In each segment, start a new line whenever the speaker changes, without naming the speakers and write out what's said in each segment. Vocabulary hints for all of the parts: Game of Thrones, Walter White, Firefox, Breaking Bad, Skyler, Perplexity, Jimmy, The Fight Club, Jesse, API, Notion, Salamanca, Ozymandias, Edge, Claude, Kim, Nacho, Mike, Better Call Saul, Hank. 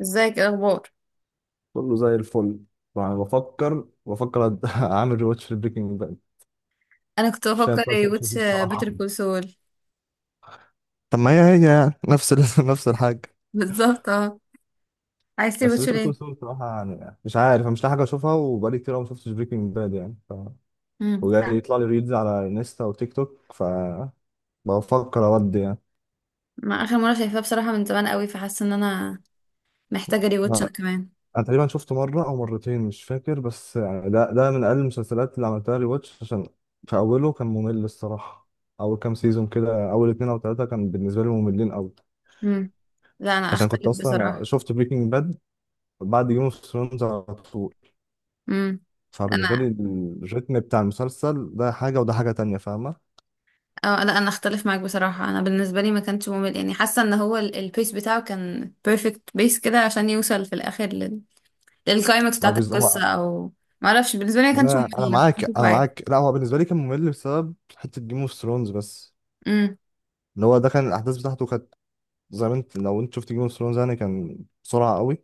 ازيك؟ ايه الاخبار؟
كله زي الفل. طبعا اعمل ريواتش في بريكنج باد
انا كنت
عشان
بفكر
بس
ايه
أشوف فيه
واتش، بيتر
الصراحه.
كول سول.
طب ما هي يعني نفس نفس الحاجة.
بالظبط، اه. عايز تري
بس
واتش
بيتر كول
ليه؟
سول الصراحه، يعني مش عارف، أنا مش لاقي حاجه اشوفها وبقالي كتير أوي ما شفتش بريكنج باد يعني
امم.
وجاي يطلع لي ريلز على انستا وتيك توك، ف بفكر اودي يعني.
ما اخر مره شايفاه بصراحه، من زمان قوي، فحاسه ان انا محتاجه ري واتش
انا
انا كمان.
أنا تقريبا شفته مره او مرتين مش فاكر، بس يعني ده من اقل المسلسلات اللي عملتها ريواتش، عشان في اوله كان ممل الصراحه. اول كام سيزون كده، اول اتنين او تلاته كان بالنسبه لي مملين قوي،
امم. لا انا
عشان كنت
اختلف
اصلا
بصراحه.
شفت بريكنج باد بعد جيم اوف ثرونز على طول.
امم.
فبالنسبه
انا
لي الريتم بتاع المسلسل ده حاجه وده حاجه تانية، فاهمه.
اه لا انا اختلف معاك بصراحه. انا بالنسبه لي ما كانش ممل يعني، حاسه ان هو البيس بتاعه كان بيرفكت بيس كده عشان يوصل في الاخر للكلايمكس
ما هو
بتاعه
هو،
القصه، او ما اعرفش، بالنسبه لي ما كانش
انا
ممل، كنت
معاك،
بشوفه
انا
عادي.
معاك، لا هو بالنسبه لي كان ممل بسبب حته جيم اوف ثرونز بس.
امم.
اللي هو ده كان الاحداث بتاعته كانت زي ما انت، لو انت شفت جيم اوف ثرونز يعني، كان بسرعه قوي،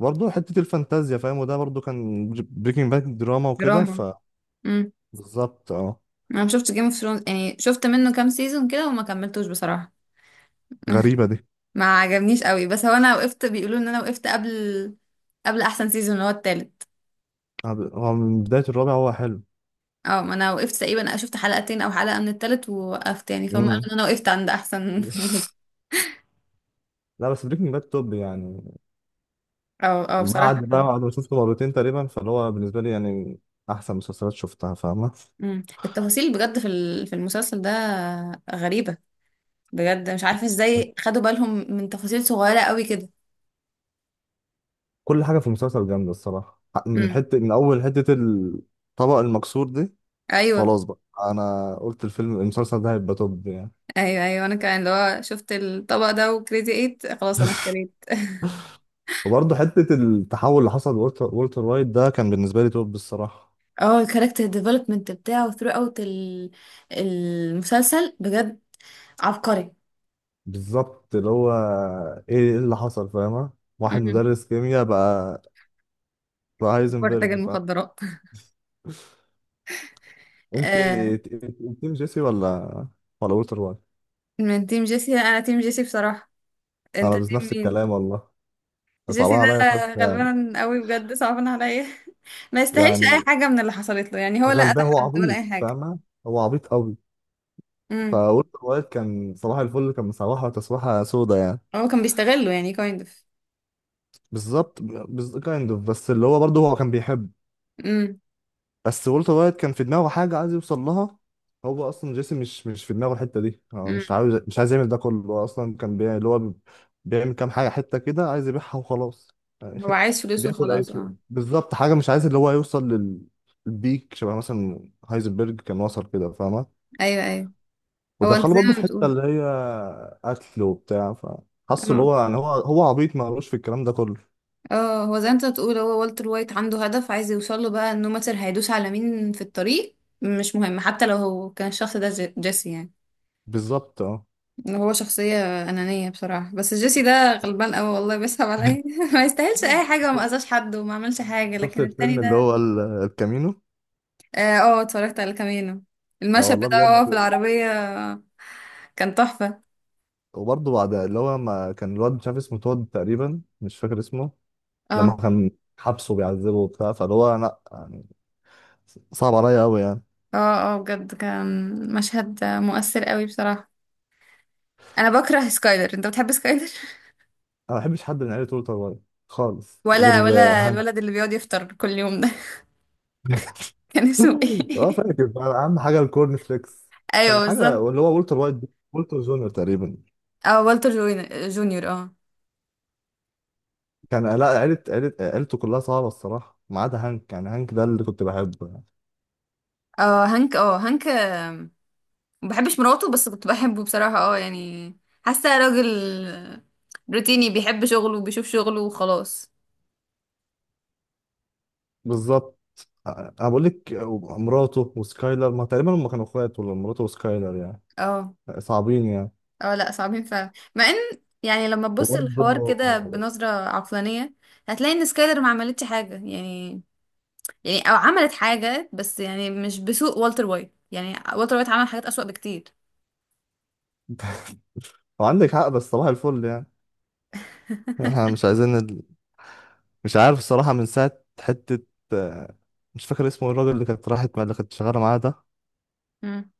برضه حته الفانتازيا فاهم، وده برضه كان بريكنج باد دراما وكده.
دراما.
فبالظبط اه.
انا ما شفتش جيم اوف ثرونز، يعني شفت منه كام سيزون كده وما كملتوش بصراحة.
غريبه دي.
ما عجبنيش قوي، بس هو انا وقفت، بيقولوا ان انا وقفت قبل احسن سيزون اللي هو التالت.
هو من بدايه الرابع هو حلو.
اه، ما انا وقفت تقريبا شفت حلقتين او حلقة من التالت ووقفت يعني، فهم قالوا
امم.
ان انا وقفت عند احسن جزء.
لا، بس بريكنج باد توب يعني.
اه اه، بصراحة.
بعد بقى بعد ما شفته مرتين تقريبا، فاللي هو بالنسبة لي يعني أحسن مسلسلات شفتها فاهمة.
مم. التفاصيل بجد في المسلسل ده غريبة. بجد مش عارفة ازاي خدوا بالهم من تفاصيل صغيرة قوي كده.
كل حاجة في المسلسل جامدة الصراحة، من
امم.
حتة، من أول حتة الطبق المكسور دي.
ايوه
خلاص بقى، أنا قلت الفيلم المسلسل ده هيبقى توب يعني.
ايوه. ايوه انا كمان، اللي هو شفت الطبق ده وكريزي ايت، خلاص انا اشتريت.
وبرضه حتة التحول اللي حصل لولتر وولتر وايت ده كان بالنسبة لي توب الصراحة.
اه، الكاركتر ديفلوبمنت بتاعه ثرو اوت المسلسل بجد عبقري.
بالظبط اللي هو، إيه اللي حصل، فاهمة. واحد
امم.
مدرس كيمياء بقى، بقى
أفكار تاج
هايزنبرج، فاهم.
المخدرات.
أنت
آه.
تيم جيسي ولا ولا وولتر وايت؟
من تيم جيسي، لا، انا تيم جيسي بصراحة.
انا
انت
بس
تيم
نفس
مين؟
الكلام والله،
جيسي
صعبان عليا
ده
فشخ يعني.
غلبان قوي بجد، صعبان عليا. ما يستاهلش اي
يعني
حاجة من اللي حصلت له، يعني هو لا قتل
غلبان، هو
حد ولا
عبيط
اي حاجة.
فاهمه، هو عبيط قوي.
امم.
فقلت الواد كان صباح الفل، كان مصباحه تسويحه سودا يعني.
هو كان بيستغله يعني، كايند اوف.
بالظبط كايند اوف، بس اللي هو برضه هو كان بيحب.
امم.
بس والتر وايت كان في دماغه حاجه عايز يوصل لها. هو اصلا جيسي مش في دماغه الحته دي، هو مش
امم.
عاوز مش عايز يعمل ده كله، هو اصلا كان بيعمل اللي هو بيعمل كام حاجه حته كده عايز يبيعها وخلاص.
هو عايز فلوسه
بياكل اي
خلاص،
شيء
اه.
بالظبط، حاجه مش عايز اللي هو يوصل للبيك، شبه مثلا هايزنبرج كان وصل كده فاهمه.
ايوه ايوه، هو انت
ودخله
زي
برضه في
ما
حته
بتقول.
اللي هي قتل وبتاع، فحس اللي
اه.
هو يعني، هو عبيط، ما في الكلام ده كله.
اه، هو زي انت بتقول، هو والتر وايت عنده هدف عايز يوصل له، بقى انه ماتر هيدوس على مين في الطريق مش مهم، حتى لو هو كان الشخص ده جيسي يعني.
بالظبط اه.
هو شخصية أنانية بصراحة، بس جيسي ده غلبان قوي والله، بيسحب عليا. ما يستاهلش أي حاجة، وما أذاش حد وما عملش حاجة،
شفت
لكن التاني
الفيلم اللي
ده.
هو الكامينو.
اه، آه، اتفرجت على كامينو.
يا
المشهد
والله
بتاعه وهو في
بجد.
العربية كان تحفة.
وبرضه بعد اللي هو، ما كان الواد مش عارف اسمه، تود تقريبا مش فاكر اسمه، لما
اه
كان حبسه بيعذبه وبتاع، فاللي هو لا يعني، صعب عليا قوي يعني.
اه اه، بجد كان مشهد مؤثر قوي بصراحة. أنا بكره سكايلر، أنت بتحب سكايلر؟
انا ما بحبش حد من عيلة وولتر وايت خالص،
ولا
غير آه،
ولا
هانك.
الولد اللي بيقعد يفطر كل يوم ده. كان اسمه
اه
ايه؟
فاكر بقى، اهم حاجه الكورن فليكس.
ايوه
كان
بالظبط.
حاجه اللي هو والتر وايت ده، والتر جونيور تقريبا،
اه، والتر جونيور، اه.
كان لا، عيله عيله عيلته كلها صعبه الصراحه ما عدا هانك يعني، هانك ده اللي كنت بحبه يعني.
اه هانك، اه هانك، آه. ما بحبش مراته بس كنت بحبه بصراحة، اه يعني. حاسه راجل روتيني، بيحب شغله وبيشوف شغله وخلاص.
بالظبط آه، انا بقول لك آه، مراته وسكايلر، ما تقريبا هم كانوا اخوات، ولا مراته وسكايلر يعني
اه.
صعبين يعني.
اه لا، صعبين فعلا، مع ان يعني لما تبص
وبرضه
الحوار كده بنظرة عقلانية، هتلاقي ان سكايلر ما عملتش حاجة يعني. يعني او عملت حاجة، بس يعني مش بسوء والتر وايت، يعني والتر وايت عمل حاجات أسوأ بكتير.
وعندك حق، بس صباح الفل يعني، احنا مش عايزين مش عارف الصراحة، من ساعة حتة آه، مش فاكر اسمه، الراجل اللي كانت راحت مع اللي كانت شغالة معاه ده،
مم.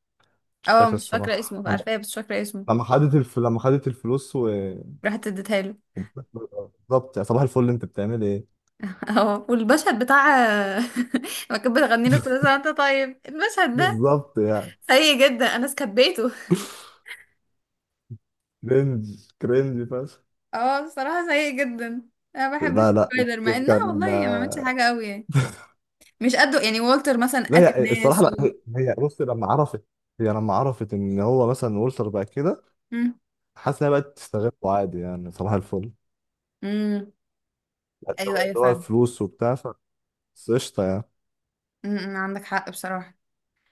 مش
اه
فاكر
مش فاكرة
الصراحة
اسمه،
لما،
عارفاه بس مش فاكرة اسمه.
لما خدت الفلوس و
راحت اديتها له.
بالظبط يا صباح الفل انت بتعمل ايه.
اه والمشهد بتاع. لما كانت بتغني له كل سنة وانت طيب، المشهد ده
بالظبط يعني.
سيء جدا، انا سكبيته.
كرنج كرنج فشخ.
اه بصراحة سيء جدا. انا ما بحبش
لا لا،
التريلر، مع انها
كان،
والله ما عملتش حاجة قوي يعني. مش قده يعني، والتر مثلا
لا
قاتل
هي الصراحة
ناس
لا
و...
هي، هي بص لما عرفت، هي لما عرفت ان هو مثلا والتر بقى كده،
مم.
حاسس انها بقت تستغله عادي يعني صباح الفل،
مم. ايوه
اللي
ايوه
هو
فعلا.
الفلوس وبتاع، بس قشطة يعني.
مم. مم. عندك حق بصراحة.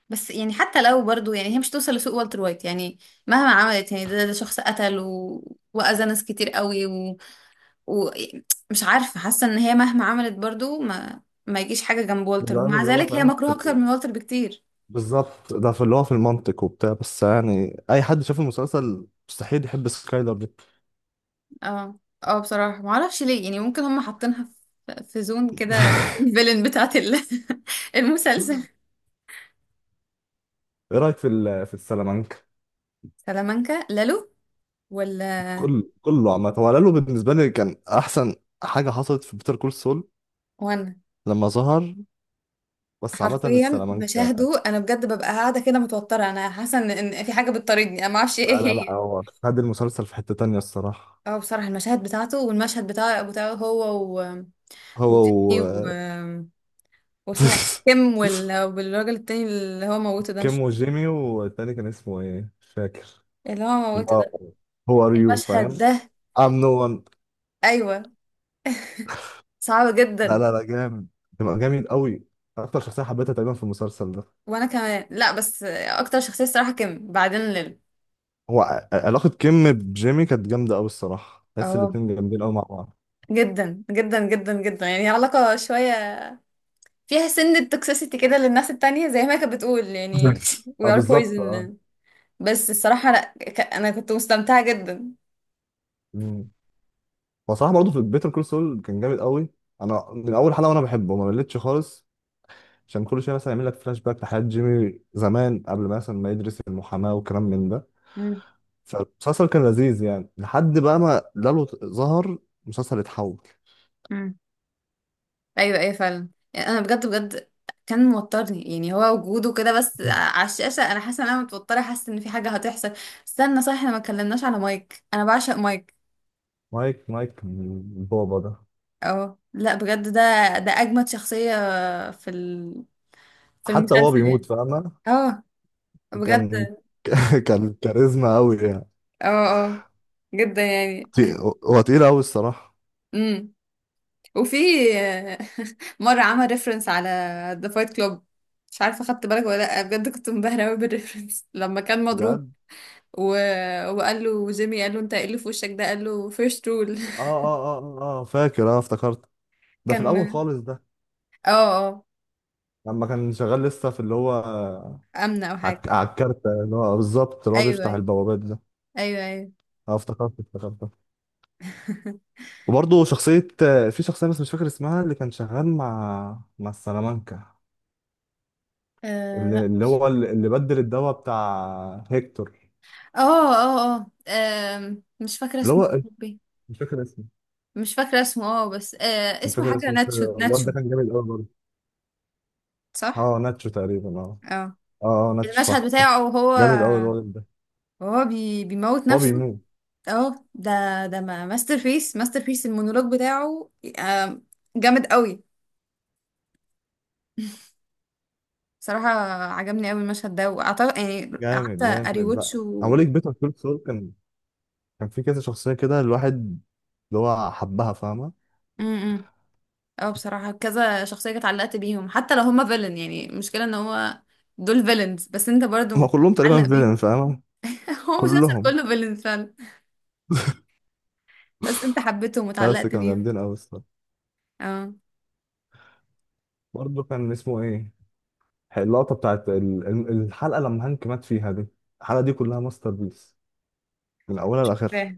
بس يعني حتى لو برضو، يعني هي مش توصل لسوق والتر وايت يعني. مهما عملت يعني، ده شخص قتل و... وأذى ناس كتير قوي. ومش عارفة، حاسة ان هي مهما عملت برضو ما يجيش حاجة جنب
ده
والتر،
العامل
ومع
اللي هو
ذلك هي
فاهم في
مكروهة اكتر من والتر بكتير.
بالظبط ده في اللي هو في المنطق وبتاع، بس يعني أي حد شاف المسلسل مستحيل يحب سكايلر دي.
اه، اه بصراحة ما اعرفش ليه، يعني ممكن هم حاطينها في زون كده، الفيلن بتاعت ال-. المسلسل.
إيه رأيك في في السلامانكا؟
سلامانكا، لالو ولا؟
كل كله عامة، هو لالو بالنسبة لي كان أحسن حاجة حصلت في بيتر كول سول
وانا
لما ظهر. بس عامة
حرفيا
السلامانكا،
مشاهده انا بجد، ببقى قاعدة كده متوترة، انا حاسة ان في حاجة بتطاردني، انا ما اعرفش
لا
ايه
لا لا،
هي.
هو خد المسلسل في حتة تانية الصراحة.
اه بصراحة، المشاهد بتاعته والمشهد بتاعه هو و...
هو
وتيمي و...
و
واسمها كيم والراجل التاني اللي هو موته ده،
كيم
مش
وجيمي، والتاني كان اسمه إيه؟ مش فاكر.
اللي هو
اللي
موته
هو
ده.
هو، ار يو فاهم؟
المشهد ده.
I'm no one.
ايوه. صعب
لا
جدا.
لا لا جامد، ده جامد قوي، اكتر شخصيه حبيتها تقريبا في المسلسل ده.
وانا كمان لا، بس اكتر شخصيه الصراحه كيم بعدين ليل.
هو علاقه كيم بجيمي كانت جامده قوي الصراحه، تحس
اه،
الاتنين جامدين قوي مع بعض.
جدا جدا جدا جدا يعني، علاقه شويه فيها سن توكسيسيتي كده للناس التانية، زي ما هي كانت بتقول يعني.
بالظبط،
we
اه
are
بالظبط اه.
poison. بس الصراحه لا، انا كنت مستمتعه جدا.
مم. هو صراحه برضه في بيتر كول سول كان جامد قوي، انا من اول حلقه وانا بحبه ما مليتش خالص، عشان كل شويه مثلا يعمل لك فلاش باك لحياه جيمي زمان قبل ما مثلا ما يدرس المحاماه وكلام من ده.
مم.
فالمسلسل كان لذيذ يعني، لحد بقى ما لالو ظهر، المسلسل اتحول.
مم. ايوه ايوه فعلا، يعني انا بجد بجد كان موترني يعني، هو وجوده كده بس على الشاشه، انا حاسه ان انا متوتره، حاسه ان في حاجه هتحصل. استنى صح، احنا ما اتكلمناش على مايك، انا بعشق مايك.
مايك من بابا ده.
اه لا بجد، ده اجمد شخصيه في ال... في
حتى هو
المسلسل
بيموت
يعني.
فاهمه.
اه بجد.
كان كان كاريزما قوي يعني.
اه اه، جدا يعني.
تي- هو تقيل قوي الصراحه.
امم. وفي مره عمل ريفرنس على ذا فايت كلوب. مش عارفه خدت بالك ولا لا، بجد كنت منبهره قوي بالريفرنس لما كان مضروب،
بجد.
و... وقال له جيمي، قال له انت ايه اللي في وشك ده، قال له فيرست رول.
اه اه اه اه آه، فاكر اه افتكرت. ده في الاول
كان.
خالص ده،
اه اه،
لما كان شغال لسه في اللي هو
امنه او حاجه.
على الكارتة اللي هو بالظبط اللي هو
ايوه
بيفتح
ايوه
البوابات ده.
ايوه ايوه.
اه افتكرت افتكرت. وبرضه شخصية، في شخصية بس مش فاكر اسمها اللي كان شغال مع السلامانكا،
آه
اللي,
لا.
اللي هو اللي اللي بدل الدواء بتاع هيكتور.
اه اه اه، مش فاكره
اللي
اسمه
هو إيه؟
يا ربي.
مش فاكر اسمه،
مش فاكره اسمه، اه بس آه
مش
اسمه
فاكر
حاجه،
اسمه بس
ناتشو
الواد
ناتشو.
ده كان جامد قوي برضه.
صح.
اه ناتشو تقريبا اه.
اه.
اه اه ناتش
المشهد
صح صح.
بتاعه وهو
جامد قوي الولد ده.
وهو بيموت
هو
نفسه.
بيموت.
اه ده ما ماستر بيس، ماستر بيس المونولوج بتاعه. آم، جامد قوي صراحة. عجبني قوي المشهد ده، واعتقد يعني قعدت
جامد جامد. لا
اريوتش و...
عمال يكبت كل سول، كان كان في كذا شخصيه كده الواحد اللي هو حبها فاهمه.
امم. إمم. اه بصراحة كذا شخصية كانت علقت بيهم، حتى لو هما فيلن، يعني المشكلة ان هو دول فيلنز بس انت
هما
برضو
كلهم تقريبا
علق بيهم.
فيلن فاهمه،
هو مسلسل
كلهم.
كله فيلنز فعلا، بس انت حبيتهم
لا، بس
واتعلقت
كانوا
بيهم.
جامدين قوي الصراحه.
اه.
برضه كان اسمه ايه، اللقطه بتاعت الحلقه لما هانك مات فيها دي، الحلقه دي كلها ماستر بيس من اولها
مش
لاخرها.
فاكراه.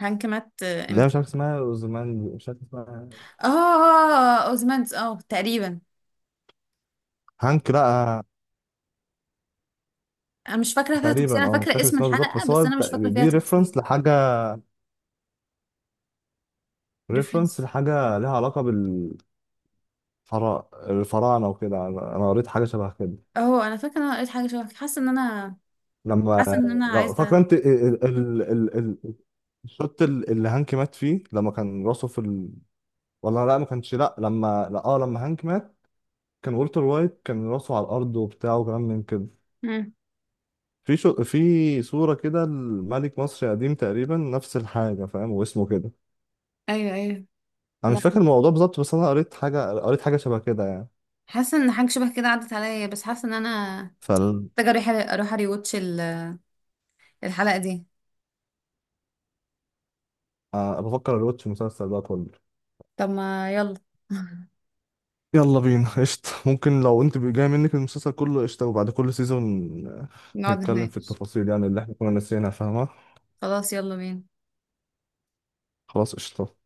هانك مات
اللي هي
امتى؟
مش عارف اسمها زمان، مش عارف اسمها.
اه اه، اوزمانس اه تقريبا.
هانك لا.
انا مش فاكرة فيها تفاصيل،
تقريبا
انا
اه مش
فاكرة
فاكر
اسم
اسمها بالظبط،
الحلقة
بس هو
بس انا مش فاكرة فيها
دي
تفاصيل.
ريفرنس لحاجه، ريفرنس
ريفرنس.
لحاجة ليها علاقة بالفراعنة، الفراعنة وكده، أنا قريت حاجة شبه كده.
اه انا فاكرة ان انا قريت حاجة شبه كده. حاسة ان انا
لما
حاسة ان انا
لو فاكرة
عايزة.
أنت الشوط اللي هانك مات فيه، لما كان راسه في ولا لا ما كانش، لا لما لا اه لما هانك مات، كان والتر وايت كان راسه على الأرض وبتاع وكلام من كده، في في صورة كده لملك مصر قديم تقريبا نفس الحاجة فاهم، واسمه كده.
ايوه ايوه.
أنا
لا،
مش فاكر الموضوع بالظبط، بس أنا قريت حاجة، قريت حاجة شبه كده يعني.
حاسه ان حاجه شبه كده عدت عليا، بس حاسه ان انا
فال...
محتاجه اروح اري واتش الحلقه دي.
آه، بفكر أروتش المسلسل ده كله.
طب ما يلا.
يلا بينا قشطة، ممكن لو انت جاي منك المسلسل كله قشطة، وبعد كل سيزون
نقعد
نتكلم في
نتناقش.
التفاصيل يعني اللي احنا كنا ناسيينها فاهمة.
خلاص يلا بينا.
خلاص قشطة.